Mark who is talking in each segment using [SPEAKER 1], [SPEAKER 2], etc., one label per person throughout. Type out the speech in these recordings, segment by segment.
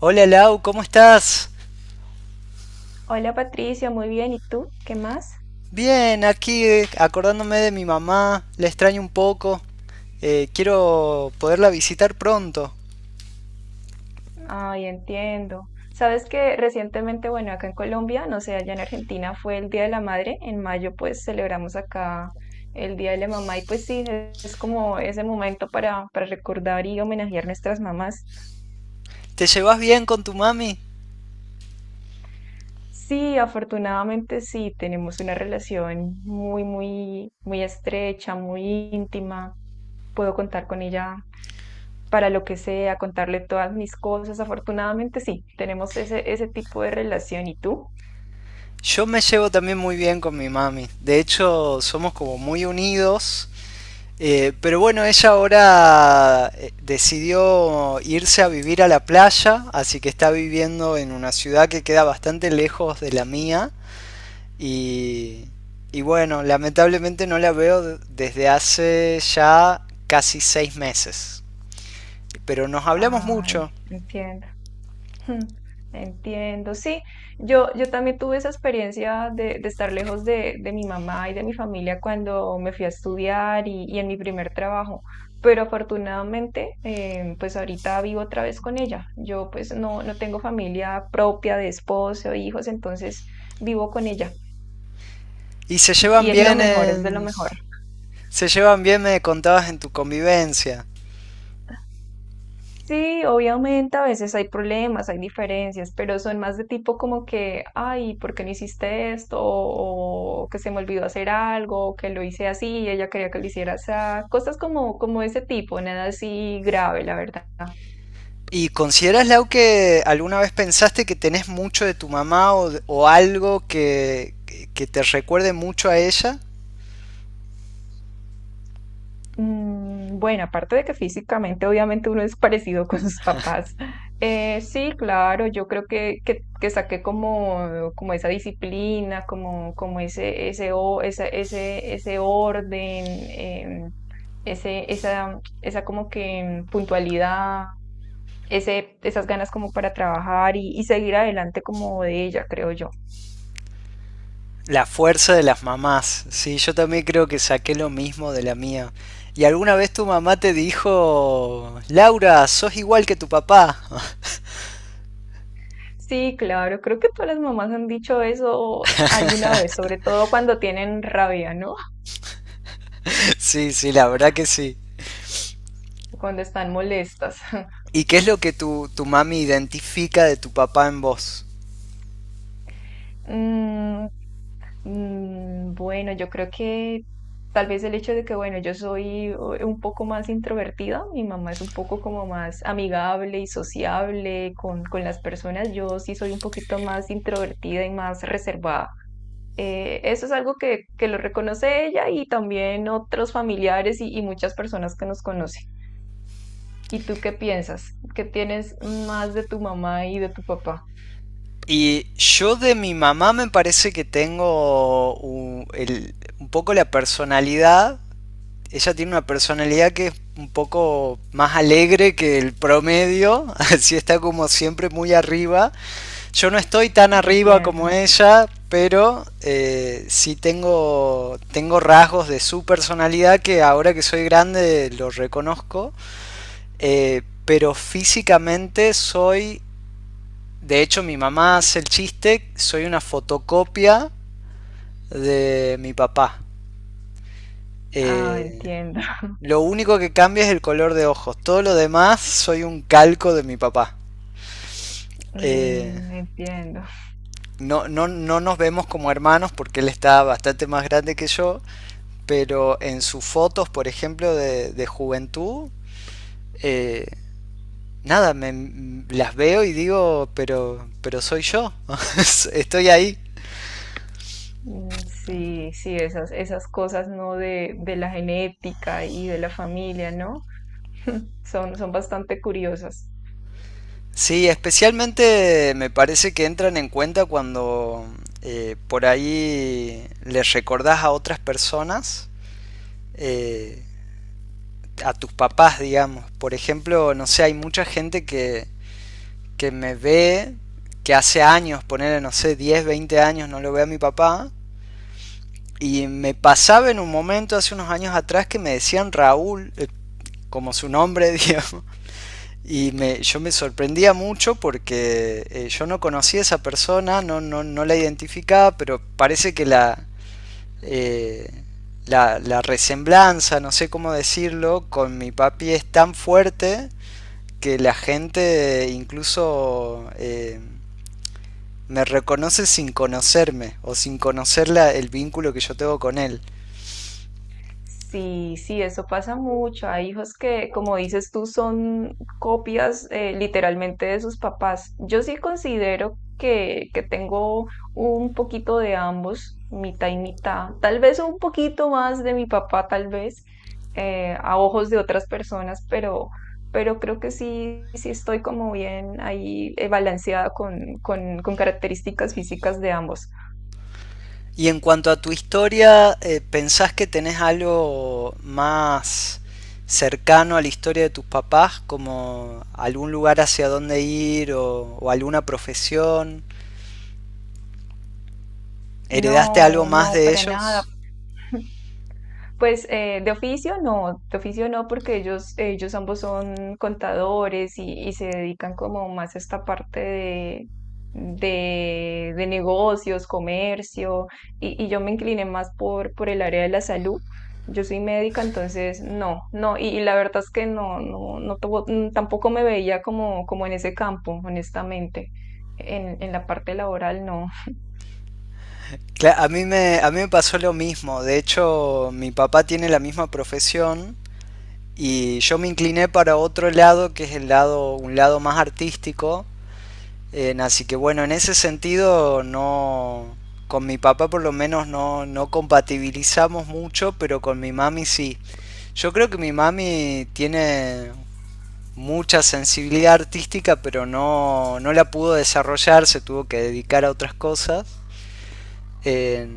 [SPEAKER 1] Hola Lau, ¿cómo estás?
[SPEAKER 2] Hola Patricia, muy bien. ¿Y tú? ¿Qué más?
[SPEAKER 1] Bien, aquí acordándome de mi mamá, la extraño un poco. Quiero poderla visitar pronto.
[SPEAKER 2] Ay, entiendo. Sabes que recientemente, bueno, acá en Colombia, no sé, allá en Argentina fue el Día de la Madre. En mayo, pues celebramos acá el Día de la Mamá. Y pues sí, es como ese momento para recordar y homenajear nuestras mamás.
[SPEAKER 1] ¿Te llevas bien con tu mami?
[SPEAKER 2] Sí, afortunadamente sí, tenemos una relación muy, muy, muy estrecha, muy íntima. Puedo contar con ella para lo que sea, contarle todas mis cosas. Afortunadamente sí, tenemos ese tipo de relación. ¿Y tú?
[SPEAKER 1] Yo me llevo también muy bien con mi mami. De hecho, somos como muy unidos. Pero bueno, ella ahora decidió irse a vivir a la playa, así que está viviendo en una ciudad que queda bastante lejos de la mía. Y, y bueno, lamentablemente no la veo desde hace ya casi seis meses. Pero nos hablamos
[SPEAKER 2] Ay,
[SPEAKER 1] mucho.
[SPEAKER 2] entiendo. Hmm, entiendo, sí. Yo también tuve esa experiencia de estar lejos de mi mamá y de mi familia cuando me fui a estudiar y en mi primer trabajo. Pero afortunadamente, pues ahorita vivo otra vez con ella. Yo pues no tengo familia propia de esposo, hijos, entonces vivo con ella.
[SPEAKER 1] Y se
[SPEAKER 2] Y
[SPEAKER 1] llevan
[SPEAKER 2] es lo
[SPEAKER 1] bien
[SPEAKER 2] mejor, es de lo
[SPEAKER 1] en...
[SPEAKER 2] mejor.
[SPEAKER 1] Se llevan bien, me contabas, en tu convivencia.
[SPEAKER 2] Sí, obviamente a veces hay problemas, hay diferencias, pero son más de tipo como que, ay, ¿por qué no hiciste esto? O que se me olvidó hacer algo, o que lo hice así, y ella quería que lo hiciera así. Cosas como ese tipo, nada así grave, la verdad.
[SPEAKER 1] ¿Y consideras, Lau, que alguna vez pensaste que tenés mucho de tu mamá o algo que te recuerde mucho a ella?
[SPEAKER 2] Bueno, aparte de que físicamente obviamente uno es parecido con sus papás. Sí, claro, yo creo que saqué como, como esa disciplina, como, como ese orden. Ese, esa, esa como que puntualidad, ese, esas ganas como para trabajar y seguir adelante como de ella, creo yo.
[SPEAKER 1] La fuerza de las mamás. Sí, yo también creo que saqué lo mismo de la mía. ¿Y alguna vez tu mamá te dijo, Laura, sos igual que tu papá?
[SPEAKER 2] Sí, claro, creo que todas las mamás han dicho eso alguna vez, sobre todo cuando tienen rabia, ¿no?
[SPEAKER 1] Sí, sí, la verdad que sí.
[SPEAKER 2] Cuando están molestas.
[SPEAKER 1] ¿Y qué es lo que tu mami identifica de tu papá en vos?
[SPEAKER 2] Mm, Bueno, yo creo que tal vez el hecho de que, bueno, yo soy un poco más introvertida, mi mamá es un poco como más amigable y sociable con las personas, yo sí soy un poquito más introvertida y más reservada. Eso es algo que lo reconoce ella y también otros familiares y muchas personas que nos conocen. ¿Y tú qué piensas? ¿Qué tienes más de tu mamá y de tu papá?
[SPEAKER 1] Y yo de mi mamá me parece que tengo un poco la personalidad. Ella tiene una personalidad que es un poco más alegre que el promedio, así está como siempre muy arriba. Yo no estoy tan arriba
[SPEAKER 2] Entiendo.
[SPEAKER 1] como ella, pero sí tengo, tengo rasgos de su personalidad que ahora que soy grande los reconozco. Pero físicamente soy, de hecho mi mamá hace el chiste, soy una fotocopia de mi papá.
[SPEAKER 2] Ah,
[SPEAKER 1] Eh,
[SPEAKER 2] entiendo.
[SPEAKER 1] lo único que cambia es el color de ojos. Todo lo demás soy un calco de mi papá. Eh,
[SPEAKER 2] Mm, entiendo.
[SPEAKER 1] no nos vemos como hermanos porque él está bastante más grande que yo. Pero en sus fotos, por ejemplo, de juventud, eh, nada, las veo y digo, pero soy yo, estoy ahí.
[SPEAKER 2] Mm, sí, sí, esas cosas, ¿no? De la genética y de la familia, ¿no? Son, son bastante curiosas.
[SPEAKER 1] Sí, especialmente me parece que entran en cuenta cuando por ahí les recordás a otras personas, eh, a tus papás, digamos. Por ejemplo, no sé, hay mucha gente que me ve, que hace años, poner, no sé, 10, 20 años no lo ve a mi papá. Y me pasaba en un momento hace unos años atrás que me decían Raúl, como su nombre, digamos. Yo me sorprendía mucho porque yo no conocía a esa persona, no la identificaba, pero parece que eh, la resemblanza, no sé cómo decirlo, con mi papi es tan fuerte que la gente incluso me reconoce sin conocerme o sin conocer el vínculo que yo tengo con él.
[SPEAKER 2] Sí, sí, eso pasa mucho. Hay hijos que, como dices tú, son copias literalmente de sus papás. Yo sí considero que tengo un poquito de ambos, mitad y mitad. Tal vez un poquito más de mi papá, tal vez, a ojos de otras personas, pero creo que sí, sí estoy como bien ahí balanceada con características físicas de ambos.
[SPEAKER 1] Y en cuanto a tu historia, ¿pensás que tenés algo más cercano a la historia de tus papás, como algún lugar hacia dónde ir o alguna profesión? ¿Heredaste algo
[SPEAKER 2] No,
[SPEAKER 1] más
[SPEAKER 2] no,
[SPEAKER 1] de
[SPEAKER 2] para nada.
[SPEAKER 1] ellos?
[SPEAKER 2] Pues de oficio no, porque ellos ambos son contadores y se dedican como más a esta parte de negocios, comercio, y yo me incliné más por el área de la salud. Yo soy médica, entonces no, no. La verdad es que no, no, no tuvo- tampoco me veía como, como en ese campo, honestamente. En la parte laboral no.
[SPEAKER 1] A mí, a mí me pasó lo mismo, de hecho mi papá tiene la misma profesión y yo me incliné para otro lado que es el lado, un lado más artístico. Así que bueno, en ese sentido no... Con mi papá por lo menos no, no compatibilizamos mucho, pero con mi mami sí. Yo creo que mi mami tiene mucha sensibilidad artística, pero no, no la pudo desarrollar, se tuvo que dedicar a otras cosas. Eh,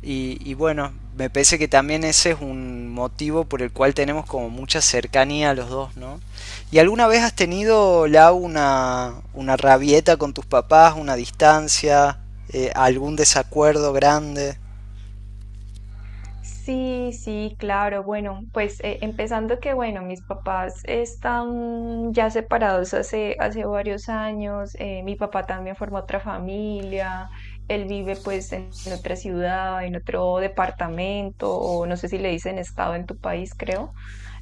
[SPEAKER 1] y bueno, me parece que también ese es un motivo por el cual tenemos como mucha cercanía a los dos, ¿no? ¿Y alguna vez has tenido, Lau, una rabieta con tus papás, una distancia, algún desacuerdo grande?
[SPEAKER 2] Sí, sí, claro. Bueno, pues empezando que, bueno, mis papás están ya separados hace varios años. Mi papá también formó otra familia. Él vive pues en otra ciudad, en otro departamento, o no sé si le dicen estado en tu país, creo.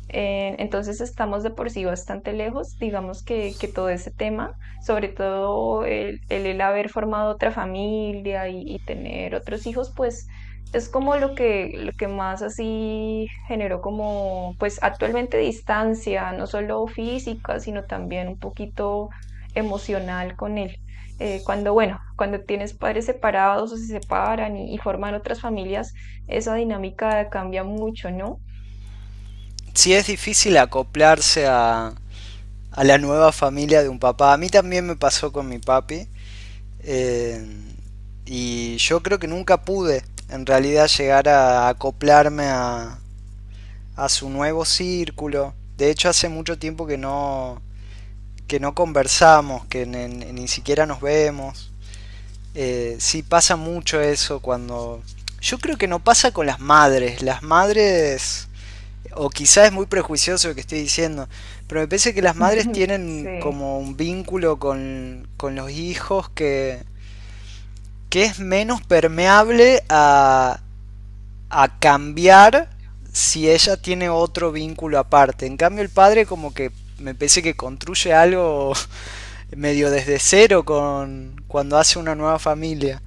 [SPEAKER 2] Entonces estamos de por sí bastante lejos, digamos que todo ese tema, sobre todo el haber formado otra familia y tener otros hijos, pues es como lo que más así generó como, pues actualmente distancia, no solo física, sino también un poquito emocional con él. Cuando, bueno, cuando tienes padres separados o se separan y forman otras familias, esa dinámica cambia mucho, ¿no?
[SPEAKER 1] Sí, es difícil acoplarse a la nueva familia de un papá. A mí también me pasó con mi papi. eh, y yo creo que nunca pude en realidad llegar a acoplarme a su nuevo círculo. De hecho, hace mucho tiempo que no conversamos, que ni, ni siquiera nos vemos. Sí pasa mucho eso cuando... Yo creo que no pasa con las madres. Las madres... O quizás es muy prejuicioso lo que estoy diciendo. Pero me parece que las madres tienen
[SPEAKER 2] Sí.
[SPEAKER 1] como un vínculo con los hijos que es menos permeable a cambiar si ella tiene otro vínculo aparte. En cambio, el padre como que me parece que construye algo medio desde cero con cuando hace una nueva familia.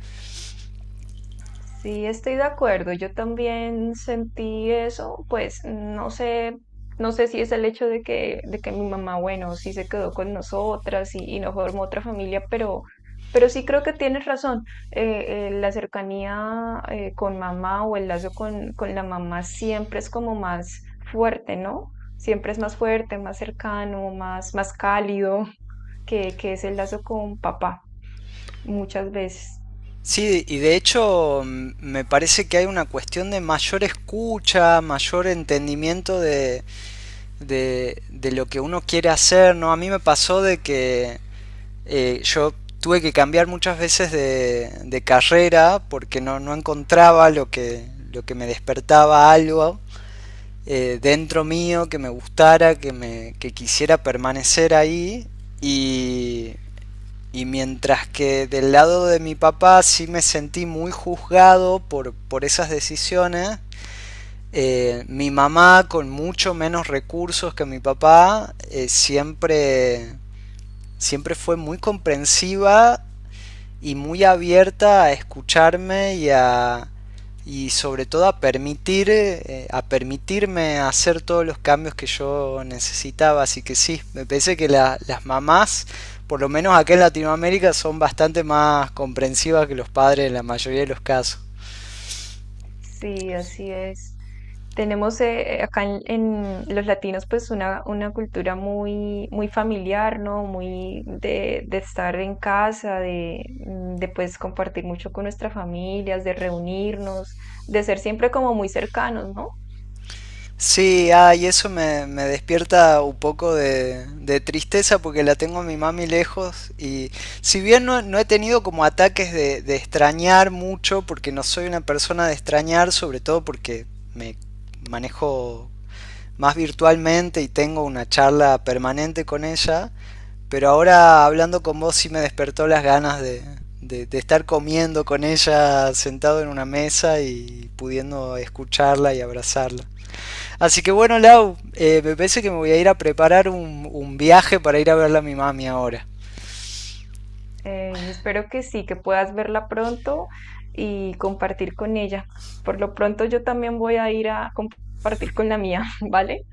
[SPEAKER 2] Sí, estoy de acuerdo. Yo también sentí eso, pues no sé, no sé si es el hecho de que mi mamá, bueno, sí se quedó con nosotras y no formó otra familia, pero sí creo que tienes razón. La cercanía con mamá o el lazo con la mamá siempre es como más fuerte, ¿no? Siempre es más fuerte, más cercano, más, más cálido que es el lazo con papá, muchas veces.
[SPEAKER 1] Sí, y de hecho me parece que hay una cuestión de mayor escucha, mayor entendimiento de lo que uno quiere hacer, ¿no? A mí me pasó de que yo tuve que cambiar muchas veces de carrera porque no, no encontraba lo que me despertaba algo dentro mío que me gustara, que quisiera permanecer ahí. Y, y mientras que del lado de mi papá sí me sentí muy juzgado por esas decisiones, mi mamá con mucho menos recursos que mi papá siempre fue muy comprensiva y muy abierta a escucharme y a y sobre todo a permitir a permitirme hacer todos los cambios que yo necesitaba, así que sí me parece que las mamás por lo menos acá en Latinoamérica son bastante más comprensivas que los padres en la mayoría de los casos.
[SPEAKER 2] Sí, así es. Tenemos acá en los latinos pues una cultura muy, muy familiar, ¿no? Muy de estar en casa, de, de pues compartir mucho con nuestras familias, de reunirnos, de ser siempre como muy cercanos, ¿no?
[SPEAKER 1] Sí, ah, y eso me despierta un poco de tristeza porque la tengo a mi mami lejos, y si bien no, no he tenido como ataques de extrañar mucho porque no soy una persona de extrañar, sobre todo porque me manejo más virtualmente y tengo una charla permanente con ella, pero ahora hablando con vos sí me despertó las ganas de, de estar comiendo con ella sentado en una mesa y pudiendo escucharla y abrazarla. Así que bueno, Lau, me parece que me voy a ir a preparar un viaje para ir a verla a mi mami ahora.
[SPEAKER 2] Y espero que sí, que puedas verla pronto y compartir con ella. Por lo pronto yo también voy a ir a compartir con la mía, ¿vale?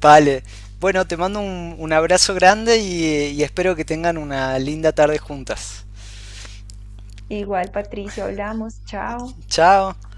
[SPEAKER 1] Vale. Bueno, te mando un abrazo grande y espero que tengan una linda tarde juntas.
[SPEAKER 2] Igual, Patricia, hablamos, chao.
[SPEAKER 1] Chao.